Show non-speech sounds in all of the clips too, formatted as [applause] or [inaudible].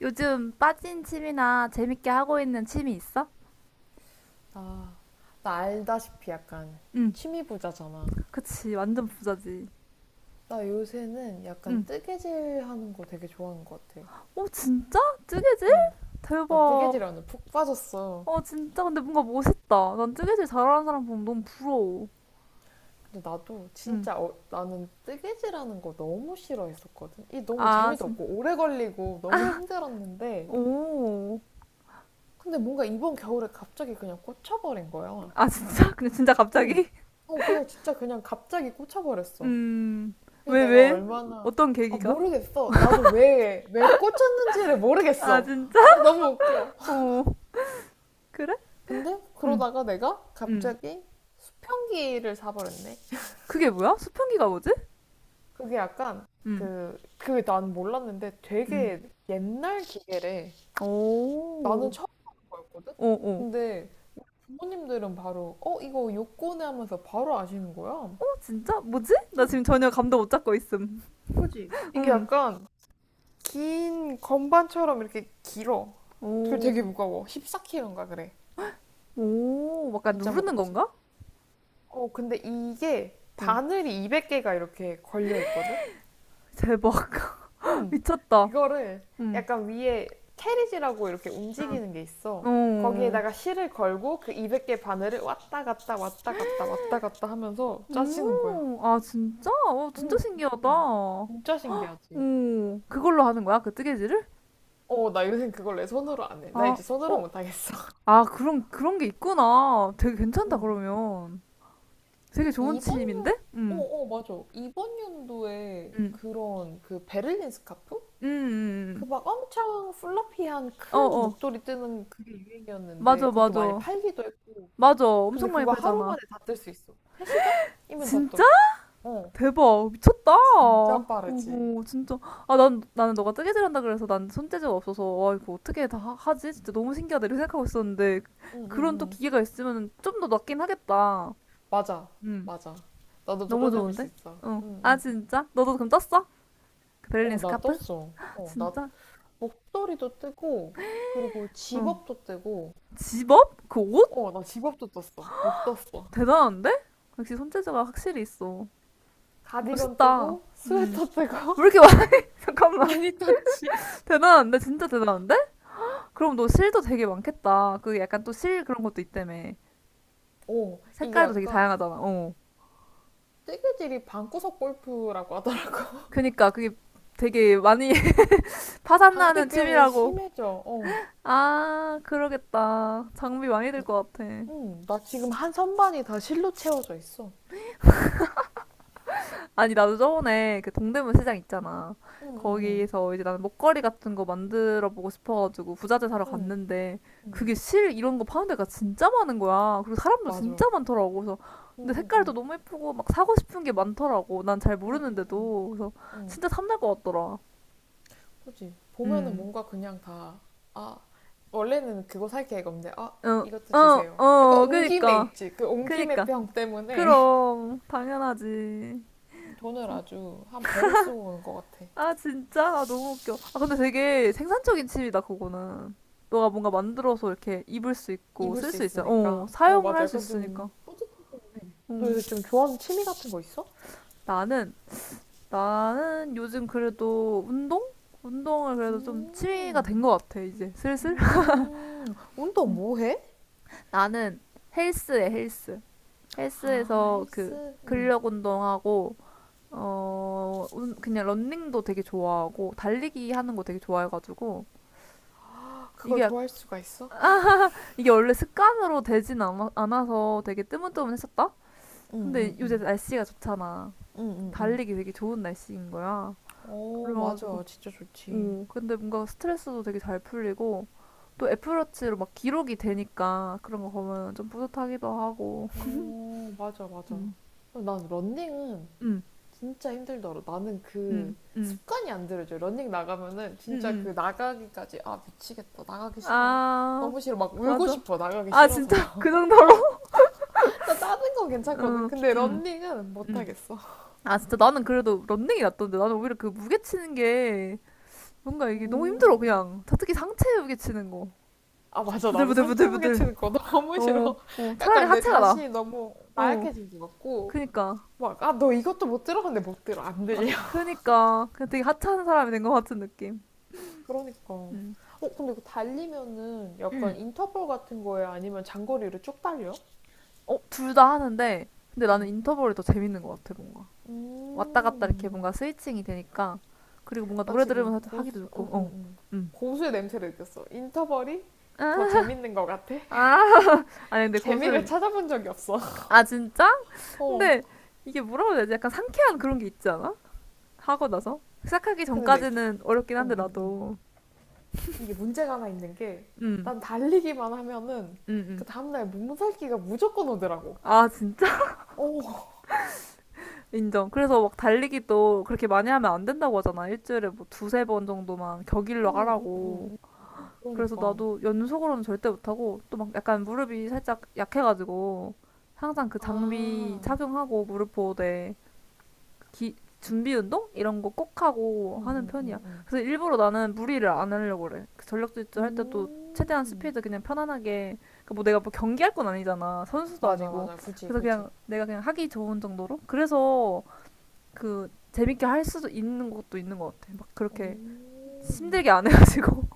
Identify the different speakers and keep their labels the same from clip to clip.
Speaker 1: 요즘 빠진 취미나 재밌게 하고 있는 취미 있어?
Speaker 2: 나, 나, 알다시피 약간
Speaker 1: 응,
Speaker 2: 취미 부자잖아.
Speaker 1: 그치. 완전 부자지.
Speaker 2: 나 요새는
Speaker 1: 응.
Speaker 2: 약간 뜨개질 하는 거 되게 좋아하는 것 같아.
Speaker 1: 어, 진짜? 뜨개질?
Speaker 2: 응. 나
Speaker 1: 대박.
Speaker 2: 뜨개질하는 푹 빠졌어.
Speaker 1: 어, 진짜. 근데 뭔가 멋있다. 난 뜨개질 잘하는 사람 보면 너무 부러워.
Speaker 2: 근데 나도
Speaker 1: 응.
Speaker 2: 진짜 나는 뜨개질하는 거 너무 싫어했었거든. 이 너무
Speaker 1: 아,
Speaker 2: 재미도
Speaker 1: 진,
Speaker 2: 없고 오래 걸리고 너무 힘들었는데
Speaker 1: 오.
Speaker 2: 근데 뭔가 이번 겨울에 갑자기 그냥 꽂혀버린 거야.
Speaker 1: 아, 진짜? [laughs] 근데 진짜
Speaker 2: 응.
Speaker 1: 갑자기? [laughs]
Speaker 2: 그냥 진짜 그냥 갑자기 꽂혀버렸어.
Speaker 1: 음,
Speaker 2: 그
Speaker 1: 왜,
Speaker 2: 내가
Speaker 1: 왜?
Speaker 2: 얼마나
Speaker 1: 어떤
Speaker 2: 아
Speaker 1: 계기가?
Speaker 2: 모르겠어. 나도 왜 꽂혔는지를
Speaker 1: 아,
Speaker 2: 모르겠어.
Speaker 1: 진짜?
Speaker 2: 나도 너무 웃겨.
Speaker 1: 오, 그래?
Speaker 2: 근데
Speaker 1: 응,
Speaker 2: 그러다가 내가
Speaker 1: 응.
Speaker 2: 갑자기 수평기를 사버렸네.
Speaker 1: 그게 뭐야? 수평기가 뭐지?
Speaker 2: 그게 약간
Speaker 1: 응,
Speaker 2: 그게 난 몰랐는데
Speaker 1: 응.
Speaker 2: 되게 옛날 기계래.
Speaker 1: 오,
Speaker 2: 나는 처음 하는 거였거든.
Speaker 1: 오.
Speaker 2: 근데 부모님들은 바로 어 이거 요코네 하면서 바로 아시는 거야.
Speaker 1: 어, 진짜? 뭐지? 나
Speaker 2: 응,
Speaker 1: 지금 전혀 감도 못 잡고 있음.
Speaker 2: 그지? 이게
Speaker 1: 응.
Speaker 2: 약간 긴 건반처럼 이렇게 길어. 그리고
Speaker 1: 오,
Speaker 2: 되게 무거워. 14kg인가 그래.
Speaker 1: 오, 약간
Speaker 2: 진짜
Speaker 1: 누르는
Speaker 2: 무겁지.
Speaker 1: 건가?
Speaker 2: 어, 근데 이게
Speaker 1: 응.
Speaker 2: 바늘이 200개가 이렇게 걸려 있거든?
Speaker 1: 대박. [laughs]
Speaker 2: 음,
Speaker 1: 미쳤다.
Speaker 2: 그거를
Speaker 1: 응.
Speaker 2: 약간 위에 캐리지라고 이렇게 움직이는 게 있어.
Speaker 1: 어.
Speaker 2: 거기에다가 실을 걸고 그 200개 바늘을 왔다 갔다 왔다 갔다 왔다 갔다 하면서 짜시는 거야.
Speaker 1: 오, 아, 진짜? 어, 진짜
Speaker 2: 응, 응,
Speaker 1: 신기하다.
Speaker 2: 응. 진짜 신기하지.
Speaker 1: 오, 그걸로 하는 거야? 그 뜨개질을?
Speaker 2: 어, 나 요새 그걸 내 손으로 안 해. 나
Speaker 1: 아,
Speaker 2: 이제 손으로
Speaker 1: 어.
Speaker 2: 못 하겠어. [laughs]
Speaker 1: 아, 그런 게 있구나. 되게 괜찮다,
Speaker 2: 응.
Speaker 1: 그러면. 되게 좋은
Speaker 2: 이번 년,
Speaker 1: 취미인데?
Speaker 2: 어,
Speaker 1: 응,
Speaker 2: 어, 맞아. 이번 연도에
Speaker 1: 응,
Speaker 2: 그런 그 베를린 스카프?
Speaker 1: 응,
Speaker 2: 그
Speaker 1: 응.
Speaker 2: 막 엄청 플러피한
Speaker 1: 응. 어,
Speaker 2: 큰
Speaker 1: 어.
Speaker 2: 목도리 뜨는 그게 유행이었는데
Speaker 1: 맞아,
Speaker 2: 그것도 많이
Speaker 1: 맞아.
Speaker 2: 팔기도 했고
Speaker 1: 맞아.
Speaker 2: 근데
Speaker 1: 엄청 많이
Speaker 2: 그거 하루
Speaker 1: 팔잖아.
Speaker 2: 만에 다 뜰 수 있어 3시간이면 다
Speaker 1: 진짜?
Speaker 2: 떠. 어.
Speaker 1: 대박 미쳤다.
Speaker 2: 진짜 빠르지.
Speaker 1: 오호 진짜 아 난 나는 너가 뜨개질 한다 그래서 난 손재주가 없어서 와 이거 어떻게 다 하지? 진짜 너무 신기하다 이렇게 생각하고 있었는데 그런
Speaker 2: 응응응.
Speaker 1: 또 기계가 있으면 좀 더 낫긴 하겠다.
Speaker 2: 맞아.
Speaker 1: 음
Speaker 2: 맞아. 나도
Speaker 1: 너무
Speaker 2: 도전해볼 수
Speaker 1: 좋은데?
Speaker 2: 있어.
Speaker 1: 응. 아
Speaker 2: 응응.
Speaker 1: 진짜? 너도 그럼 떴어? 그 베를린
Speaker 2: 어, 나
Speaker 1: 스카프?
Speaker 2: 떴어. 어, 나
Speaker 1: 진짜?
Speaker 2: 목도리도 뜨고 그리고
Speaker 1: 응.
Speaker 2: 집업도 뜨고
Speaker 1: 집업? 그 옷?
Speaker 2: 어, 나 집업도 떴어. 못 떴어.
Speaker 1: 대단한데? 역시 손재주가 확실히 있어.
Speaker 2: 가디건
Speaker 1: 멋있다.
Speaker 2: 뜨고
Speaker 1: 음.
Speaker 2: 스웨터 뜨고
Speaker 1: 왜
Speaker 2: [laughs]
Speaker 1: 이렇게 많 [laughs] 잠깐만
Speaker 2: 많이 떴지.
Speaker 1: [laughs] 대단한데 진짜 대단한데? 그럼 너 실도 되게 많겠다. 그 약간 또 실 그런 것도 있다며.
Speaker 2: 오, 이게
Speaker 1: 색깔도 되게
Speaker 2: 약간
Speaker 1: 다양하잖아. 어.
Speaker 2: 뜨개질이 방구석 골프라고 하더라고.
Speaker 1: 그니까 그게 되게 많이 [laughs]
Speaker 2: [laughs] 당비
Speaker 1: 파산나는
Speaker 2: 병이
Speaker 1: 취미라고.
Speaker 2: 심해져. 어.
Speaker 1: 아, 그러겠다. 장비 많이 들 것 같아.
Speaker 2: 응, 나 지금 한 선반이 다 실로 채워져 있어.
Speaker 1: 아니, 나도 저번에 그 동대문 시장 있잖아.
Speaker 2: 응, 응,
Speaker 1: 거기서 이제 나는 목걸이 같은 거 만들어 보고 싶어가지고 부자재 사러
Speaker 2: 응,
Speaker 1: 갔는데
Speaker 2: 응, 응.
Speaker 1: 그게 실 이런 거 파는 데가 진짜 많은 거야. 그리고 사람도
Speaker 2: 맞아. 응,
Speaker 1: 진짜 많더라고. 그래서
Speaker 2: 응,
Speaker 1: 근데 색깔도
Speaker 2: 응,
Speaker 1: 너무 예쁘고 막 사고 싶은 게
Speaker 2: 응,
Speaker 1: 많더라고. 난 잘
Speaker 2: 응, 응, 응,
Speaker 1: 모르는데도. 그래서
Speaker 2: 응.
Speaker 1: 진짜 탐날 것 같더라.
Speaker 2: 그치. 보면은
Speaker 1: 음.
Speaker 2: 뭔가 그냥 다, 아, 원래는 그거 살게획 없는데, 아,
Speaker 1: 어,
Speaker 2: 이것도
Speaker 1: 어,
Speaker 2: 주세요. 약간
Speaker 1: 어,
Speaker 2: 온 김에
Speaker 1: 그니까.
Speaker 2: 있지. 그 온 김에
Speaker 1: 그니까.
Speaker 2: 병 때문에
Speaker 1: 그럼, 당연하지.
Speaker 2: [laughs] 돈을 아주 한 배로 쓰고 오는 것 같아.
Speaker 1: 아, 진짜? 아, 너무 웃겨. 아, 근데 되게 생산적인 칩이다, 그거는. 너가 뭔가 만들어서 이렇게 입을 수 있고,
Speaker 2: 입을
Speaker 1: 쓸
Speaker 2: 수
Speaker 1: 수 있어. 어,
Speaker 2: 있으니까. 어,
Speaker 1: 사용을
Speaker 2: 맞아.
Speaker 1: 할 수
Speaker 2: 약간 좀,
Speaker 1: 있으니까.
Speaker 2: 너
Speaker 1: 어.
Speaker 2: 요새 좀 좋아하는 취미 같은 거 있어?
Speaker 1: 나는, 나는 요즘 그래도 운동? 운동을 그래도 좀 취미가 된
Speaker 2: 음.
Speaker 1: 것 같아, 이제. 슬슬. [laughs]
Speaker 2: 음. 운동
Speaker 1: 음.
Speaker 2: 뭐 해?
Speaker 1: 나는 헬스에 헬스.
Speaker 2: 아,
Speaker 1: 헬스에서 그
Speaker 2: 헬스. 음.
Speaker 1: 근력 운동하고, 어, 그냥 런닝도 되게 좋아하고, 달리기 하는 거 되게 좋아해가지고,
Speaker 2: 그걸
Speaker 1: 이게
Speaker 2: 좋아할 수가 있어?
Speaker 1: 이게 원래 습관으로 되진 않아서 되게 뜨문뜨문했었다?
Speaker 2: 음,
Speaker 1: 근데
Speaker 2: 음,
Speaker 1: 요새
Speaker 2: 음.
Speaker 1: 날씨가 좋잖아.
Speaker 2: 음, 음, 음.
Speaker 1: 달리기 되게 좋은 날씨인 거야.
Speaker 2: 어,
Speaker 1: 그래가지고,
Speaker 2: 맞아. 진짜 좋지.
Speaker 1: 오, 근데 뭔가 스트레스도 되게 잘 풀리고, 또 애플워치로 막 기록이 되니까 그런 거 보면 좀 뿌듯하기도 하고.
Speaker 2: 어, 맞아, 맞아.
Speaker 1: 음,
Speaker 2: 난 런닝은
Speaker 1: 음,
Speaker 2: 진짜 힘들더라. 나는
Speaker 1: 음,
Speaker 2: 그
Speaker 1: 음,
Speaker 2: 습관이 안 들어져. 런닝 나가면은
Speaker 1: 음,
Speaker 2: 진짜
Speaker 1: 음.
Speaker 2: 그 나가기까지 아, 미치겠다. 나가기 싫어.
Speaker 1: 아,
Speaker 2: 너무 싫어. 막 울고
Speaker 1: 맞아.
Speaker 2: 싶어. 나가기
Speaker 1: 아,
Speaker 2: 싫어서.
Speaker 1: 진짜, [laughs] 그
Speaker 2: [laughs]
Speaker 1: 정도로?
Speaker 2: 어, 나 다른 건 괜찮거든.
Speaker 1: 음,
Speaker 2: 근데
Speaker 1: 음,
Speaker 2: 런닝은 못
Speaker 1: 음.
Speaker 2: 하겠어.
Speaker 1: 아, 진짜 나는 그래도 런닝이 낫던데. 나는 오히려 그 무게 치는 게 뭔가 이게 너무 힘들어
Speaker 2: 음.
Speaker 1: 그냥 특히 상체에 치는 거
Speaker 2: 아, 맞아. 나도 상체 무게
Speaker 1: 부들부들부들부들
Speaker 2: 치는 거 너무
Speaker 1: 어,
Speaker 2: 싫어.
Speaker 1: 어
Speaker 2: [laughs]
Speaker 1: 차라리
Speaker 2: 약간 내
Speaker 1: 하체가 나어
Speaker 2: 자신이 너무 나약해진 것 같고.
Speaker 1: 그니까
Speaker 2: 막, 아, 너 이것도 못 들어? 근데 못 들어. 안
Speaker 1: 아
Speaker 2: 들려. [laughs]
Speaker 1: 그니까 그냥 되게 하찮은 사람이 된 것 같은 느낌
Speaker 2: 그러니까. 어, 근데 이거 달리면은 약간 인터벌 같은 거에 아니면 장거리를 쭉 달려?
Speaker 1: 음음어둘 다 하는데 근데 나는
Speaker 2: 응.
Speaker 1: 인터벌이 더 재밌는 것 같아 뭔가 왔다 갔다 이렇게
Speaker 2: 음.
Speaker 1: 뭔가 스위칭이 되니까 그리고 뭔가
Speaker 2: 나
Speaker 1: 노래
Speaker 2: 지금
Speaker 1: 들으면서 하기도
Speaker 2: 고수,
Speaker 1: 좋고
Speaker 2: 응, 응,
Speaker 1: 어
Speaker 2: 응.
Speaker 1: 음.
Speaker 2: 고수의 냄새를 느꼈어. 인터벌이 더 재밌는 것 같아. [laughs]
Speaker 1: 아, 아니 근데
Speaker 2: 재미를
Speaker 1: 곳은
Speaker 2: 찾아본 적이 없어. [laughs]
Speaker 1: 아 진짜?
Speaker 2: 어.
Speaker 1: 근데 이게 뭐라고 해야 되지? 약간 상쾌한 그런 게 있지 않아? 하고 나서 시작하기
Speaker 2: 근데 내,
Speaker 1: 전까지는 어렵긴
Speaker 2: 응,
Speaker 1: 한데
Speaker 2: 응.
Speaker 1: 나도
Speaker 2: 이게 문제가 하나 있는 게
Speaker 1: 음,
Speaker 2: 난 달리기만 하면은
Speaker 1: 음,
Speaker 2: 그
Speaker 1: 음.
Speaker 2: 다음날 몸살기가 무조건 오더라고.
Speaker 1: 아 진짜
Speaker 2: 오,
Speaker 1: [laughs] 인정. 그래서 막 달리기도 그렇게 많이 하면 안 된다고 하잖아. 일주일에 뭐 두세 번 정도만 격일로
Speaker 2: 음,
Speaker 1: 하라고. 그래서
Speaker 2: 그러니까.
Speaker 1: 나도 연속으로는 절대 못하고 또 막 약간 무릎이 살짝 약해가지고 항상 그 장비
Speaker 2: 아,
Speaker 1: 착용하고 무릎 보호대 기, 준비 운동 이런 거 꼭 하고 하는
Speaker 2: 음, 음,
Speaker 1: 편이야. 그래서 일부러 나는 무리를 안 하려고 그래. 그 전력 질주 할 때도 최대한
Speaker 2: 음.
Speaker 1: 스피드 그냥 편안하게 그뭐 내가 뭐 경기할 건 아니잖아. 선수도
Speaker 2: 맞아,
Speaker 1: 아니고.
Speaker 2: 맞아. 그지,
Speaker 1: 그래서
Speaker 2: 그지.
Speaker 1: 그냥 내가 그냥 하기 좋은 정도로. 그래서 그 재밌게 할 수도 있는 것도 있는 것 같아. 막 그렇게
Speaker 2: 오.
Speaker 1: 힘들게 안 해가지고.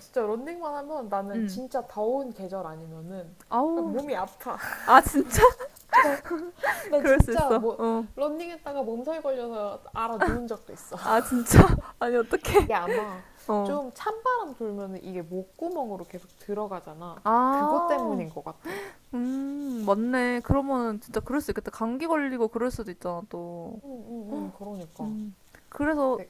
Speaker 2: 진짜 런닝만 하면
Speaker 1: [laughs]
Speaker 2: 나는
Speaker 1: 음.
Speaker 2: 진짜 더운 계절 아니면은 막
Speaker 1: 아우.
Speaker 2: 몸이 아파.
Speaker 1: 아 진짜?
Speaker 2: [laughs] 어,
Speaker 1: [laughs]
Speaker 2: 나
Speaker 1: 그럴 수
Speaker 2: 진짜
Speaker 1: 있어.
Speaker 2: 뭐
Speaker 1: 어.
Speaker 2: 런닝했다가 몸살 걸려서 알아 누운 적도 있어.
Speaker 1: 아
Speaker 2: [laughs]
Speaker 1: 진짜? [laughs] 아니 어떡해.
Speaker 2: 이게 아마
Speaker 1: 어.
Speaker 2: 좀 찬바람 돌면은 이게 목구멍으로 계속 들어가잖아. 그것
Speaker 1: 아.
Speaker 2: 때문인 것 같아.
Speaker 1: 맞네. 그러면은 진짜 그럴 수 있겠다. 감기 걸리고 그럴 수도 있잖아, 또.
Speaker 2: 응, 응, 응. 그러니까.
Speaker 1: 음. 그래서
Speaker 2: 네.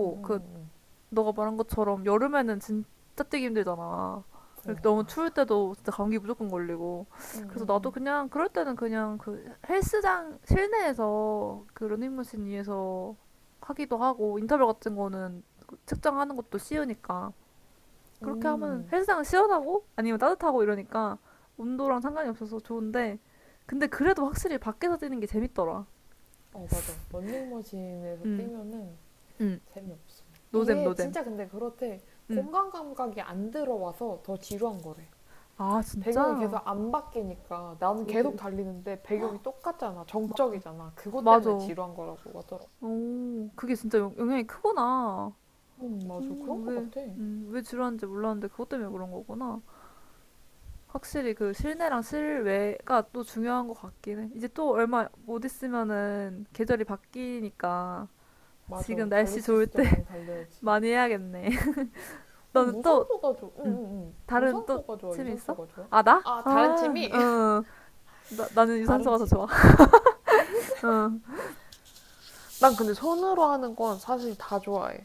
Speaker 2: 응, 응,
Speaker 1: 그,
Speaker 2: 응, 응.
Speaker 1: 너가 말한 것처럼 여름에는 진짜 뛰기 힘들잖아. 이렇게
Speaker 2: 어,
Speaker 1: 너무 추울
Speaker 2: 맞아.
Speaker 1: 때도 진짜 감기 무조건 걸리고.
Speaker 2: 응,
Speaker 1: 그래서
Speaker 2: 응,
Speaker 1: 나도
Speaker 2: 응.
Speaker 1: 그냥, 그럴 때는 그냥 그 헬스장 실내에서 그 러닝머신 위에서 하기도 하고, 인터벌 같은 거는 그 측정하는 것도 쉬우니까. 그렇게 하면
Speaker 2: 음.
Speaker 1: 헬스장은 시원하고 아니면 따뜻하고 이러니까 온도랑 상관이 없어서 좋은데 근데 그래도 확실히 밖에서 뛰는 게 재밌더라.
Speaker 2: 어, 맞아. 런닝머신에서
Speaker 1: 응,
Speaker 2: 뛰면은
Speaker 1: 응,
Speaker 2: 재미없어.
Speaker 1: 노잼,
Speaker 2: 이게
Speaker 1: 노잼.
Speaker 2: 진짜 근데 그렇대.
Speaker 1: 응.
Speaker 2: 공간 감각이 안 들어와서 더 지루한 거래.
Speaker 1: 아,
Speaker 2: 배경이 계속
Speaker 1: 진짜?
Speaker 2: 안 바뀌니까 나는 계속 달리는데 배경이 똑같잖아.
Speaker 1: 마,
Speaker 2: 정적이잖아. 그것 때문에
Speaker 1: 맞아.
Speaker 2: 지루한 거라고 하더라고.
Speaker 1: 오, 그게 진짜 영향이 크구나.
Speaker 2: 응, 맞아. 그런
Speaker 1: 음,
Speaker 2: 거
Speaker 1: 왜,
Speaker 2: 같아.
Speaker 1: 왜 지루한지 몰랐는데 그것 때문에 그런 거구나. 확실히 그 실내랑 실외가 또 중요한 것 같긴 해. 이제 또 얼마 못 있으면은 계절이 바뀌니까 지금
Speaker 2: 맞아. 달릴
Speaker 1: 날씨
Speaker 2: 수
Speaker 1: 좋을
Speaker 2: 있을 때
Speaker 1: 때
Speaker 2: 많이
Speaker 1: [laughs]
Speaker 2: 달려야지.
Speaker 1: 많이 해야겠네.
Speaker 2: 그럼
Speaker 1: 너는 또,
Speaker 2: 무산소가 좋아. 응,
Speaker 1: 음,
Speaker 2: 응, 응.
Speaker 1: 다른 또
Speaker 2: 무산소가 좋아.
Speaker 1: 취미 있어?
Speaker 2: 유산소가 좋아.
Speaker 1: 아, 나?
Speaker 2: 아,
Speaker 1: 아,
Speaker 2: 다른 팀이?
Speaker 1: 어, 나는
Speaker 2: 다른
Speaker 1: 유산소가 더 좋아.
Speaker 2: 취미.
Speaker 1: [laughs] 어,
Speaker 2: 난 근데 손으로 하는 건 사실 다 좋아해.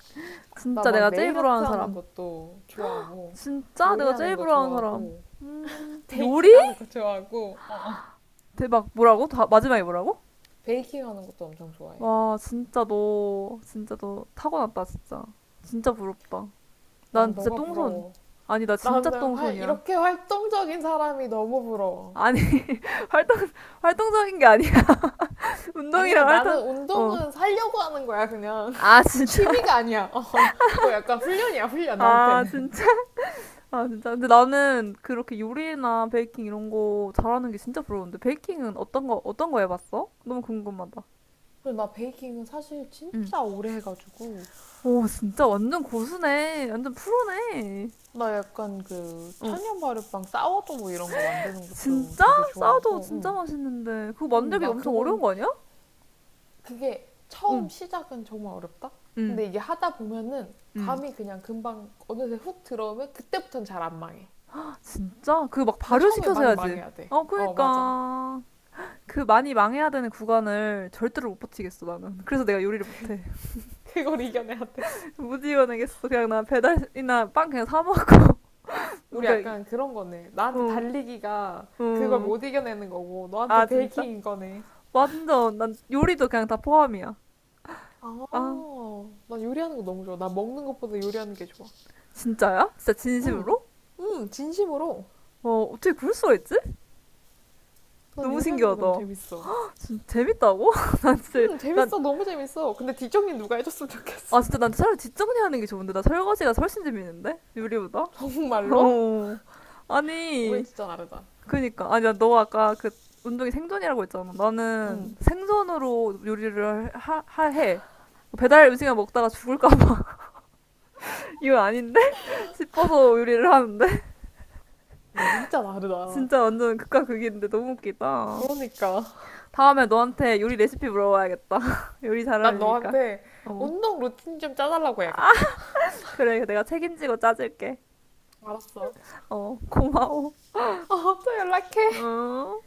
Speaker 2: 나
Speaker 1: 진짜
Speaker 2: 막
Speaker 1: 내가 제일
Speaker 2: 네일 아트
Speaker 1: 부러워하는
Speaker 2: 하는
Speaker 1: 사람.
Speaker 2: 것도 좋아하고,
Speaker 1: 진짜 내가
Speaker 2: 요리하는
Speaker 1: 제일
Speaker 2: 거
Speaker 1: 부러워하는 사람.
Speaker 2: 좋아하고, [laughs]
Speaker 1: 요리?
Speaker 2: 베이킹 하는 거 좋아하고, 어.
Speaker 1: 대박. 뭐라고? 다, 마지막에 뭐라고?
Speaker 2: 베이킹 하는 것도 엄청 좋아해.
Speaker 1: 와, 진짜 너 타고났다, 진짜. 진짜 부럽다.
Speaker 2: 난
Speaker 1: 난 진짜
Speaker 2: 너가
Speaker 1: 똥손.
Speaker 2: 부러워.
Speaker 1: 아니, 나 진짜
Speaker 2: 나는 활,
Speaker 1: 똥손이야.
Speaker 2: 이렇게 활동적인 사람이 너무 부러워.
Speaker 1: 아니, [laughs] 활동, 활동적인 게 아니야. [laughs]
Speaker 2: 아니야,
Speaker 1: 운동이랑
Speaker 2: 나는
Speaker 1: 활동, 어.
Speaker 2: 운동은 살려고 하는 거야, 그냥.
Speaker 1: 아,
Speaker 2: [laughs]
Speaker 1: 진짜.
Speaker 2: 취미가 아니야. 어, 이거 약간 훈련이야, 훈련,
Speaker 1: 아,
Speaker 2: 나한테는.
Speaker 1: 진짜. 아, 진짜. 근데 나는 그렇게 요리나 베이킹 이런 거 잘하는 게 진짜 부러운데. 베이킹은 어떤 거 해봤어? 너무 궁금하다.
Speaker 2: 그리고 나 베이킹은 사실
Speaker 1: 응.
Speaker 2: 진짜 오래 해가지고,
Speaker 1: 오, 진짜 완전 고수네. 완전 프로네.
Speaker 2: 나 약간 그
Speaker 1: 어.
Speaker 2: 천연 발효빵 사워도 뭐 이런 거 만드는 것도
Speaker 1: 진짜?
Speaker 2: 되게
Speaker 1: 싸도
Speaker 2: 좋아하고,
Speaker 1: 진짜
Speaker 2: 응.
Speaker 1: 맛있는데. 그거
Speaker 2: 응,
Speaker 1: 만들기
Speaker 2: 나
Speaker 1: 엄청 어려운
Speaker 2: 그건
Speaker 1: 거 아니야?
Speaker 2: 그게 처음
Speaker 1: 응.
Speaker 2: 시작은 정말 어렵다.
Speaker 1: 응,
Speaker 2: 근데 이게 하다 보면은
Speaker 1: 응.
Speaker 2: 감이 그냥 금방 어느새 훅 들어오면 그때부터는 잘 안 망해.
Speaker 1: 아, 진짜? 그 막
Speaker 2: 근데 처음에
Speaker 1: 발효시켜서
Speaker 2: 많이
Speaker 1: 해야지.
Speaker 2: 망해야 돼.
Speaker 1: 어,
Speaker 2: 어, 맞아.
Speaker 1: 그니까. 그 많이 망해야 되는 구간을 절대로 못 버티겠어, 나는. 그래서 내가 요리를 못해.
Speaker 2: [laughs] 그걸 이겨내야 돼.
Speaker 1: [laughs] 못 이겨내겠어. 그냥 나 배달이나 빵 그냥 사 먹고. [laughs]
Speaker 2: 우리
Speaker 1: 그러니까
Speaker 2: 약간 그런 거네. 나한테
Speaker 1: 응,
Speaker 2: 달리기가 그걸
Speaker 1: 응.
Speaker 2: 못 이겨내는 거고, 너한테
Speaker 1: 아, 진짜?
Speaker 2: 베이킹인 거네.
Speaker 1: 완전, 난 요리도 그냥 다 포함이야.
Speaker 2: 아,
Speaker 1: 아,
Speaker 2: 나 요리하는 거 너무 좋아. 나 먹는 것보다 요리하는 게 좋아.
Speaker 1: 진짜야? 진짜
Speaker 2: 응,
Speaker 1: 진심으로?
Speaker 2: 응, 진심으로.
Speaker 1: 어, 어떻게 그럴 수가 있지?
Speaker 2: 난
Speaker 1: 너무
Speaker 2: 요리하는 게
Speaker 1: 신기하다.
Speaker 2: 너무 재밌어.
Speaker 1: 진짜 재밌다고? [laughs] 난 진짜,
Speaker 2: 응,
Speaker 1: 난,
Speaker 2: 재밌어. 너무 재밌어. 근데 디정님 누가 해줬으면 좋겠어.
Speaker 1: 아, 진짜 난 차라리 뒷정리 하는 게 좋은데. 나 설거지가 훨씬 재밌는데? 요리보다?
Speaker 2: [laughs] 정말로?
Speaker 1: 어,
Speaker 2: 우리
Speaker 1: 아니,
Speaker 2: 진짜 다르다.
Speaker 1: 그니까. 아니, 너 아까 그 운동이 생존이라고 했잖아. 나는
Speaker 2: 응,
Speaker 1: 생존으로 요리를 하 해. 배달 음식을 먹다가 죽을까봐 [laughs] 이건 아닌데 [laughs] 싶어서 요리를 하는데
Speaker 2: 우리 진짜 다르다.
Speaker 1: 진짜 완전 극과 극인데 너무 웃기다.
Speaker 2: 그러니까.
Speaker 1: 다음에 너한테 요리 레시피 물어봐야겠다. [laughs] 요리
Speaker 2: 난
Speaker 1: 잘하려니까.
Speaker 2: 너한테
Speaker 1: 어.
Speaker 2: 운동 루틴 좀 짜달라고
Speaker 1: 아,
Speaker 2: 해야겠다.
Speaker 1: 그래. 내가 책임지고 짜줄게.
Speaker 2: 알았어.
Speaker 1: 어, 고마워.
Speaker 2: 어, 또 연락해.
Speaker 1: 어.